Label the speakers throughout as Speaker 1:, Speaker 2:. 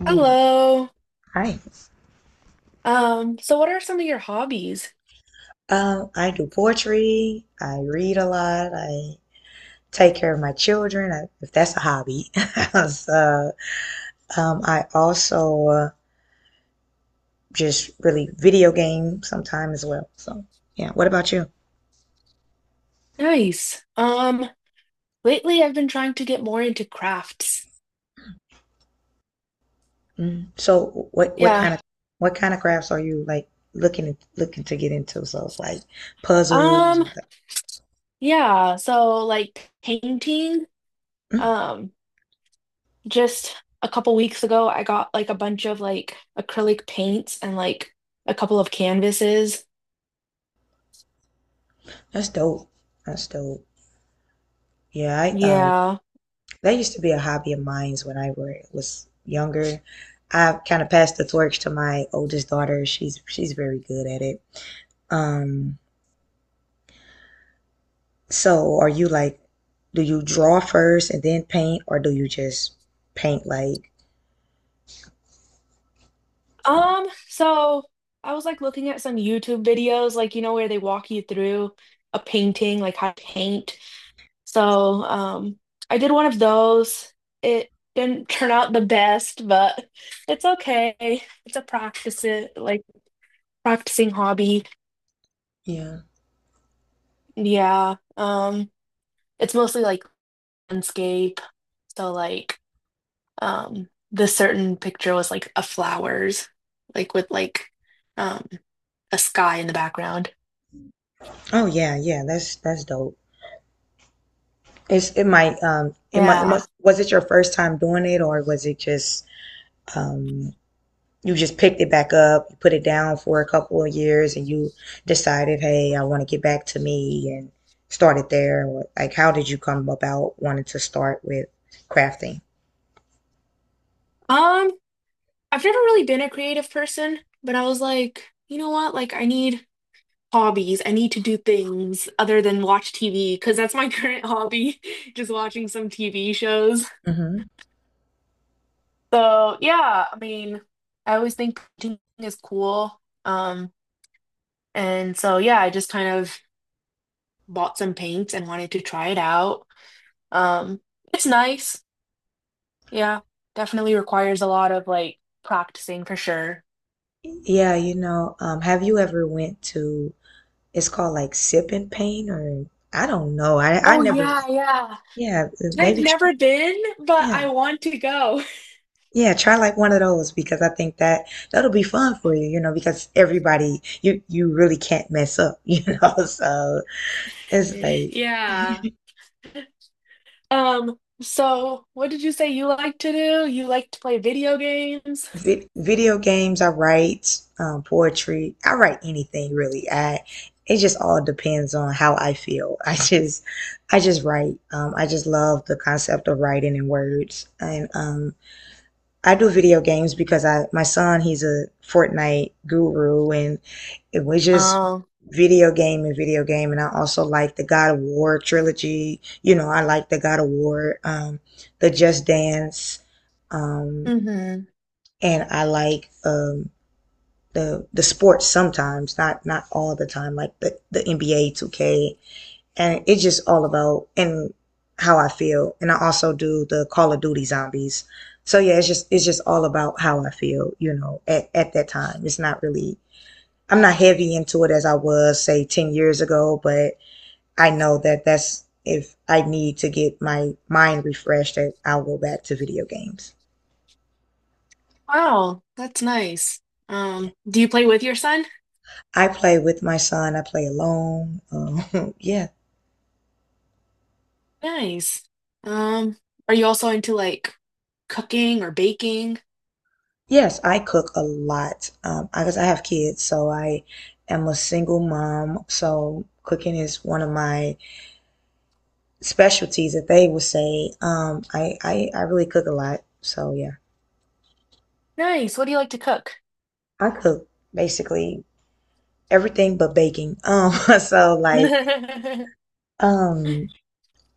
Speaker 1: Mm,
Speaker 2: Hello.
Speaker 1: Right.
Speaker 2: So what are some of your hobbies?
Speaker 1: I do poetry. I read a lot. I take care of my children, I, if that's a hobby. So, I also just really video game sometime as well. So, yeah. What about you?
Speaker 2: Nice. Lately I've been trying to get more into crafts.
Speaker 1: Mm. So, what kind
Speaker 2: Yeah.
Speaker 1: of what kind of crafts are you like looking to get into? So, it's like puzzles
Speaker 2: Um,
Speaker 1: or like.
Speaker 2: yeah, so like painting.
Speaker 1: Mm,
Speaker 2: Um, just a couple weeks ago I got like a bunch of like acrylic paints and like a couple of canvases.
Speaker 1: that's dope. That's dope. Yeah, I.
Speaker 2: Yeah.
Speaker 1: That used to be a hobby of mine when was younger. I've kind of passed the torch to my oldest daughter. She's very good at it. Um, so are you like, do you draw first and then paint, or do you just paint like, you know?
Speaker 2: So I was like looking at some YouTube videos, like you know where they walk you through a painting, like how to paint. So I did one of those. It didn't turn out the best, but it's okay. It's a practice it like practicing hobby.
Speaker 1: Yeah.
Speaker 2: Yeah. It's mostly like landscape. So like this certain picture was like a flowers, like with like um a sky in the background.
Speaker 1: Oh yeah, yeah. That's dope. It's it might it might it
Speaker 2: Yeah.
Speaker 1: must was it your first time doing it or was it just um you just picked it back up, you put it down for a couple of years, and you decided, hey, I want to get back to me and started there? Like, how did you come about wanting to start with crafting?
Speaker 2: Um, I've never really been a creative person, but I was like, you know what? Like I need hobbies. I need to do things other than watch TV because that's my current hobby, just watching some TV shows.
Speaker 1: Hmm.
Speaker 2: So, yeah, I mean, I always think painting is cool. Um, and so yeah, I just kind of bought some paint and wanted to try it out. Um, it's nice. Yeah, definitely requires a lot of like practicing for sure.
Speaker 1: Yeah, have you ever went to, it's called like Sip and Paint or I don't know. I
Speaker 2: Oh
Speaker 1: never,
Speaker 2: yeah, yeah.
Speaker 1: yeah,
Speaker 2: I've
Speaker 1: maybe try,
Speaker 2: never been, but
Speaker 1: yeah.
Speaker 2: I want to go.
Speaker 1: Yeah, try like one of those because I think that that'll be fun for you, because everybody you really can't mess up, So it's like
Speaker 2: Yeah. So what did you say you like to do? You like to play video games?
Speaker 1: video games. I write poetry. I write anything really. I it just all depends on how I feel. I just write. I just love the concept of writing in words. And I do video games because I my son he's a Fortnite guru, and it was just
Speaker 2: Oh,
Speaker 1: video game. And I also like the God of War trilogy. I like the God of War, the Just Dance. Um,
Speaker 2: mm-hmm.
Speaker 1: and I like the sports sometimes, not all the time, like the NBA 2K, and it's just all about and how I feel. And I also do the Call of Duty Zombies. So yeah, it's just all about how I feel, at that time. It's not really I'm not heavy into it as I was say 10 years ago, but I know that that's if I need to get my mind refreshed that I'll go back to video games.
Speaker 2: Wow, that's nice. Do you play with your son?
Speaker 1: I play with my son. I play alone. Yeah.
Speaker 2: Nice. Um, are you also into like cooking or baking?
Speaker 1: Yes, I cook a lot. I guess I have kids, so I am a single mom. So cooking is one of my specialties that they would say. I really cook a lot. So yeah,
Speaker 2: Nice. What do you like to cook?
Speaker 1: I cook basically everything but baking. So like, um,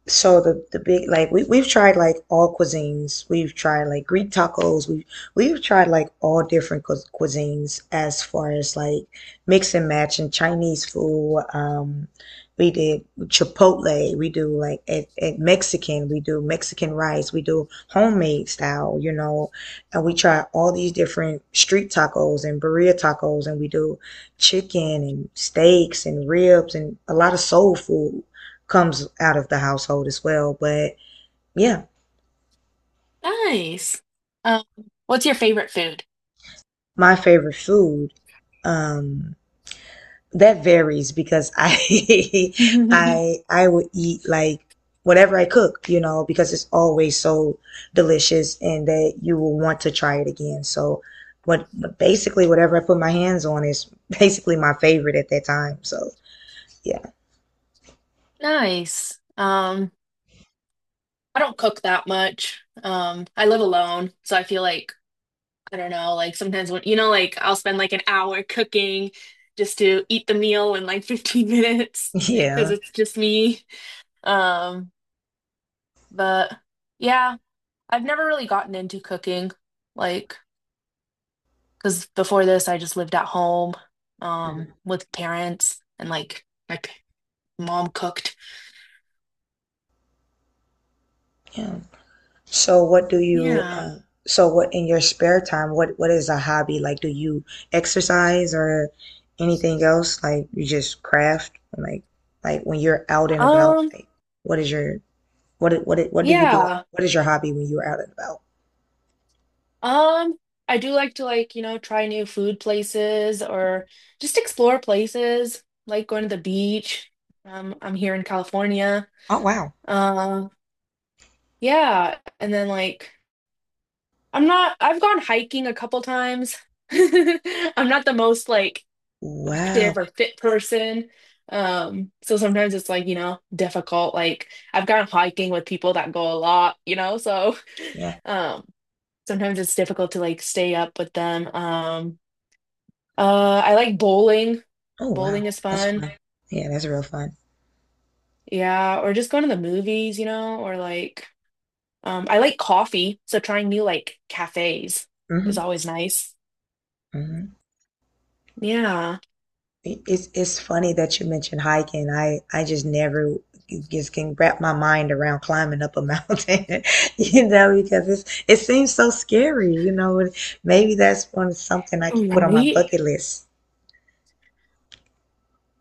Speaker 1: so the big like we we've tried like all cuisines. We've tried like Greek tacos. We've tried like all different cu cuisines as far as like mix and match and Chinese food. We did Chipotle. We do like at Mexican. We do Mexican rice. We do homemade style, and we try all these different street tacos and burrito tacos, and we do chicken and steaks and ribs and a lot of soul food comes out of the household as well. But yeah,
Speaker 2: Nice. Um, what's your favorite food?
Speaker 1: my favorite food, um, that varies because I I I will eat like whatever I cook, because it's always so delicious and that you will want to try it again. So what but basically whatever I put my hands on is basically my favorite at that time. So yeah.
Speaker 2: Nice. I don't cook that much. I live alone, so I feel like I don't know, like sometimes when, you know, like I'll spend like an hour cooking just to eat the meal in like 15 minutes because
Speaker 1: Yeah.
Speaker 2: it's just me. Um, but yeah, I've never really gotten into cooking, like, because before this, I just lived at home, with parents and like mom cooked.
Speaker 1: Yeah. So what do you
Speaker 2: Yeah.
Speaker 1: so what in your spare time, what is a hobby? Like do you exercise or anything else? Like you just craft? Like when you're out and about,
Speaker 2: Um,
Speaker 1: like what is your what do you do?
Speaker 2: yeah.
Speaker 1: What is your hobby when you're out and about?
Speaker 2: Um, I do like to like, you know, try new food places or just explore places, like going to the beach. I'm here in California.
Speaker 1: Oh wow.
Speaker 2: Uh, yeah, and then like I'm not I've gone hiking a couple times. I'm not the most like active
Speaker 1: Wow.
Speaker 2: or fit person. So sometimes it's like, you know, difficult. Like I've gone hiking with people that go a lot, you know, so
Speaker 1: Yeah.
Speaker 2: um sometimes it's difficult to like stay up with them. I like bowling.
Speaker 1: Oh wow.
Speaker 2: Bowling is
Speaker 1: That's
Speaker 2: fun.
Speaker 1: fun. Yeah, that's real fun.
Speaker 2: Yeah, or just going to the movies, you know, or like I like coffee, so trying new like cafes is
Speaker 1: Mm-hmm.
Speaker 2: always nice.
Speaker 1: Mm-hmm.
Speaker 2: Yeah.
Speaker 1: It's funny that you mentioned hiking. I just never just can wrap my mind around climbing up a mountain, because it's it seems so scary, And maybe that's one something I can put on my
Speaker 2: Right.
Speaker 1: bucket list.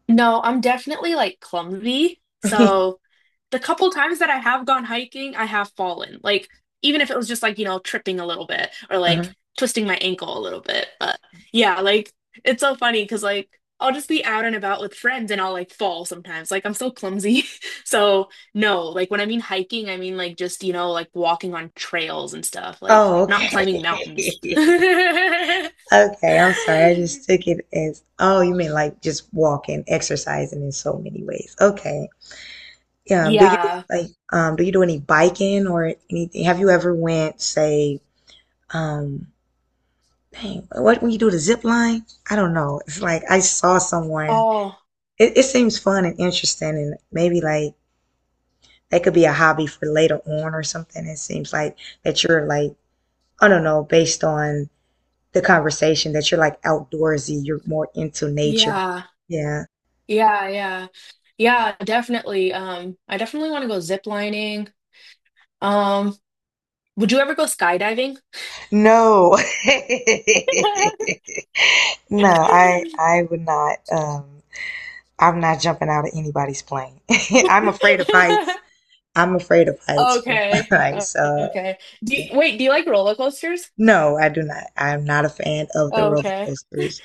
Speaker 2: No, I'm definitely like clumsy. So the couple times that I have gone hiking, I have fallen. Like, even if it was just like, you know, tripping a little bit or like
Speaker 1: Uh-huh.
Speaker 2: twisting my ankle a little bit. But yeah, like, it's so funny because like I'll just be out and about with friends and I'll like fall sometimes. Like, I'm so clumsy. So, no, like when I mean hiking, I mean like just, you know, like walking on trails and stuff, like
Speaker 1: Oh,
Speaker 2: not
Speaker 1: okay.
Speaker 2: climbing mountains.
Speaker 1: Okay, I'm sorry. I just took it as, oh, you mean like just walking, exercising in so many ways. Okay. Yeah. Do you
Speaker 2: Yeah.
Speaker 1: like do you do any biking or anything? Have you ever went, say, um dang, what when you do the zip line? I don't know. It's like I saw someone.
Speaker 2: Oh,
Speaker 1: It seems fun and interesting, and maybe like that could be a hobby for later on or something. It seems like that you're like I don't know, based on the conversation that you're like outdoorsy. You're more into nature.
Speaker 2: yeah.
Speaker 1: Yeah.
Speaker 2: Yeah, yeah. Yeah, definitely. I definitely want to go zip lining. Um, would you ever go skydiving?
Speaker 1: No. No, I would not. I'm not jumping out of anybody's plane. I'm afraid of heights. I'm afraid of heights. From
Speaker 2: Okay.
Speaker 1: so.
Speaker 2: Okay. Do
Speaker 1: Yeah.
Speaker 2: you, wait, do you like roller coasters?
Speaker 1: No, I do not. I'm not a fan of the roller
Speaker 2: Okay.
Speaker 1: coasters.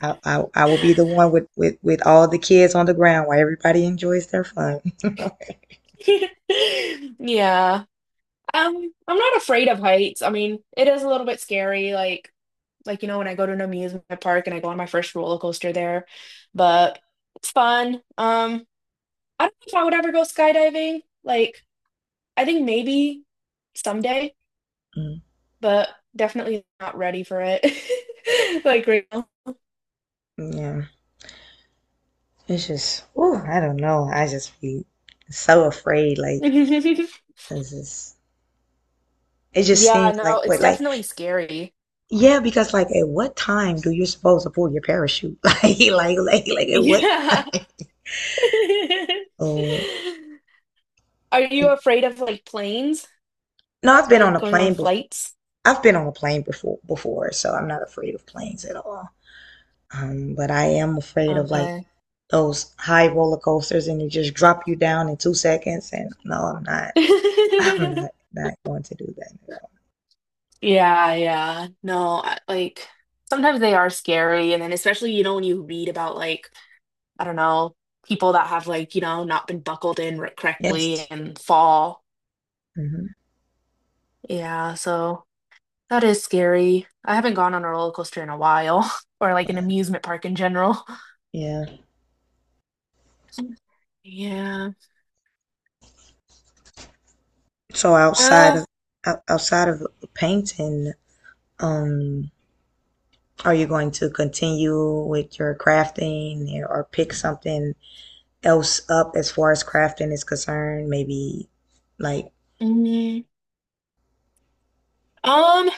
Speaker 1: I will be the one with, with all the kids on the ground while everybody enjoys their fun.
Speaker 2: Yeah. I'm not afraid of heights. I mean, it is a little bit scary, like you know, when I go to an amusement park and I go on my first roller coaster there, but it's fun. I don't know if I would ever go skydiving. Like I think maybe someday,
Speaker 1: Mm,
Speaker 2: but definitely not ready for it. Like right now.
Speaker 1: yeah, it's just, oh, I don't know. I just be so afraid. Like, 'cause it's, it just
Speaker 2: Yeah,
Speaker 1: seems like
Speaker 2: no, it's
Speaker 1: what, like
Speaker 2: definitely scary.
Speaker 1: yeah, because like at what time do you supposed to pull your parachute? Like at what time?
Speaker 2: Yeah.
Speaker 1: Oh.
Speaker 2: Are you afraid of like planes?
Speaker 1: No, I've been on
Speaker 2: Like
Speaker 1: a
Speaker 2: going on
Speaker 1: plane before.
Speaker 2: flights?
Speaker 1: I've been on a plane before before, so I'm not afraid of planes at all. But I am afraid of like
Speaker 2: Okay.
Speaker 1: those high roller coasters and they just drop you down in 2 seconds and no, I'm not. I'm not not going to do that at all.
Speaker 2: Yeah, yeah. No, I- Like sometimes they are scary. And then especially, you know, when you read about like, I don't know, people that have like, you know, not been buckled in correctly
Speaker 1: Yes.
Speaker 2: and fall.
Speaker 1: Hmm.
Speaker 2: Yeah, so that is scary. I haven't gone on a roller coaster in a while, or like an
Speaker 1: Yeah.
Speaker 2: amusement park in general.
Speaker 1: Yeah.
Speaker 2: Yeah.
Speaker 1: So outside of
Speaker 2: Well,
Speaker 1: outside of painting, um are you going to continue with your crafting or pick something else up as far as crafting is concerned? Maybe like,
Speaker 2: mm, um,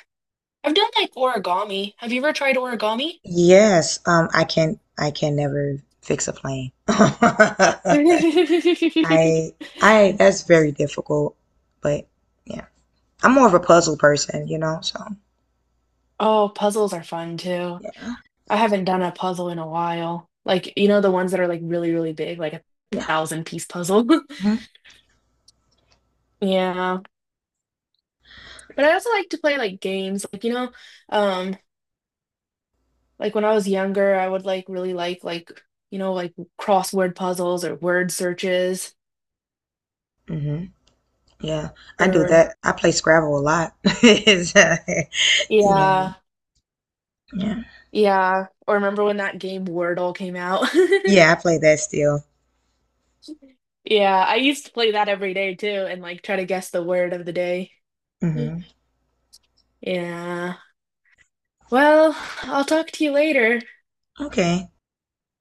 Speaker 2: I've done like origami. Have you ever tried origami?
Speaker 1: yes, I can never fix a plane. I, that's very difficult, but yeah, I'm more of a puzzle person, so
Speaker 2: Oh, puzzles are fun too.
Speaker 1: yeah,
Speaker 2: I haven't done a puzzle in a while. Like, you know, the ones that are like really, really big, like a
Speaker 1: yeah.
Speaker 2: thousand piece puzzle.
Speaker 1: Hmm.
Speaker 2: Yeah. But I also like to play like games, like, you know, um, like when I was younger, I would like really like, you know, like crossword puzzles or word searches
Speaker 1: Hmm. Yeah, I do
Speaker 2: or
Speaker 1: that. I play Scrabble a lot. It's, you
Speaker 2: yeah,
Speaker 1: know, yeah.
Speaker 2: yeah. Or remember when that game Wordle came out?
Speaker 1: Yeah, I play that still.
Speaker 2: Yeah, I used to play that every day too and like try to guess the word of the day.
Speaker 1: Hmm.
Speaker 2: Yeah. Well, I'll talk to you later.
Speaker 1: Okay.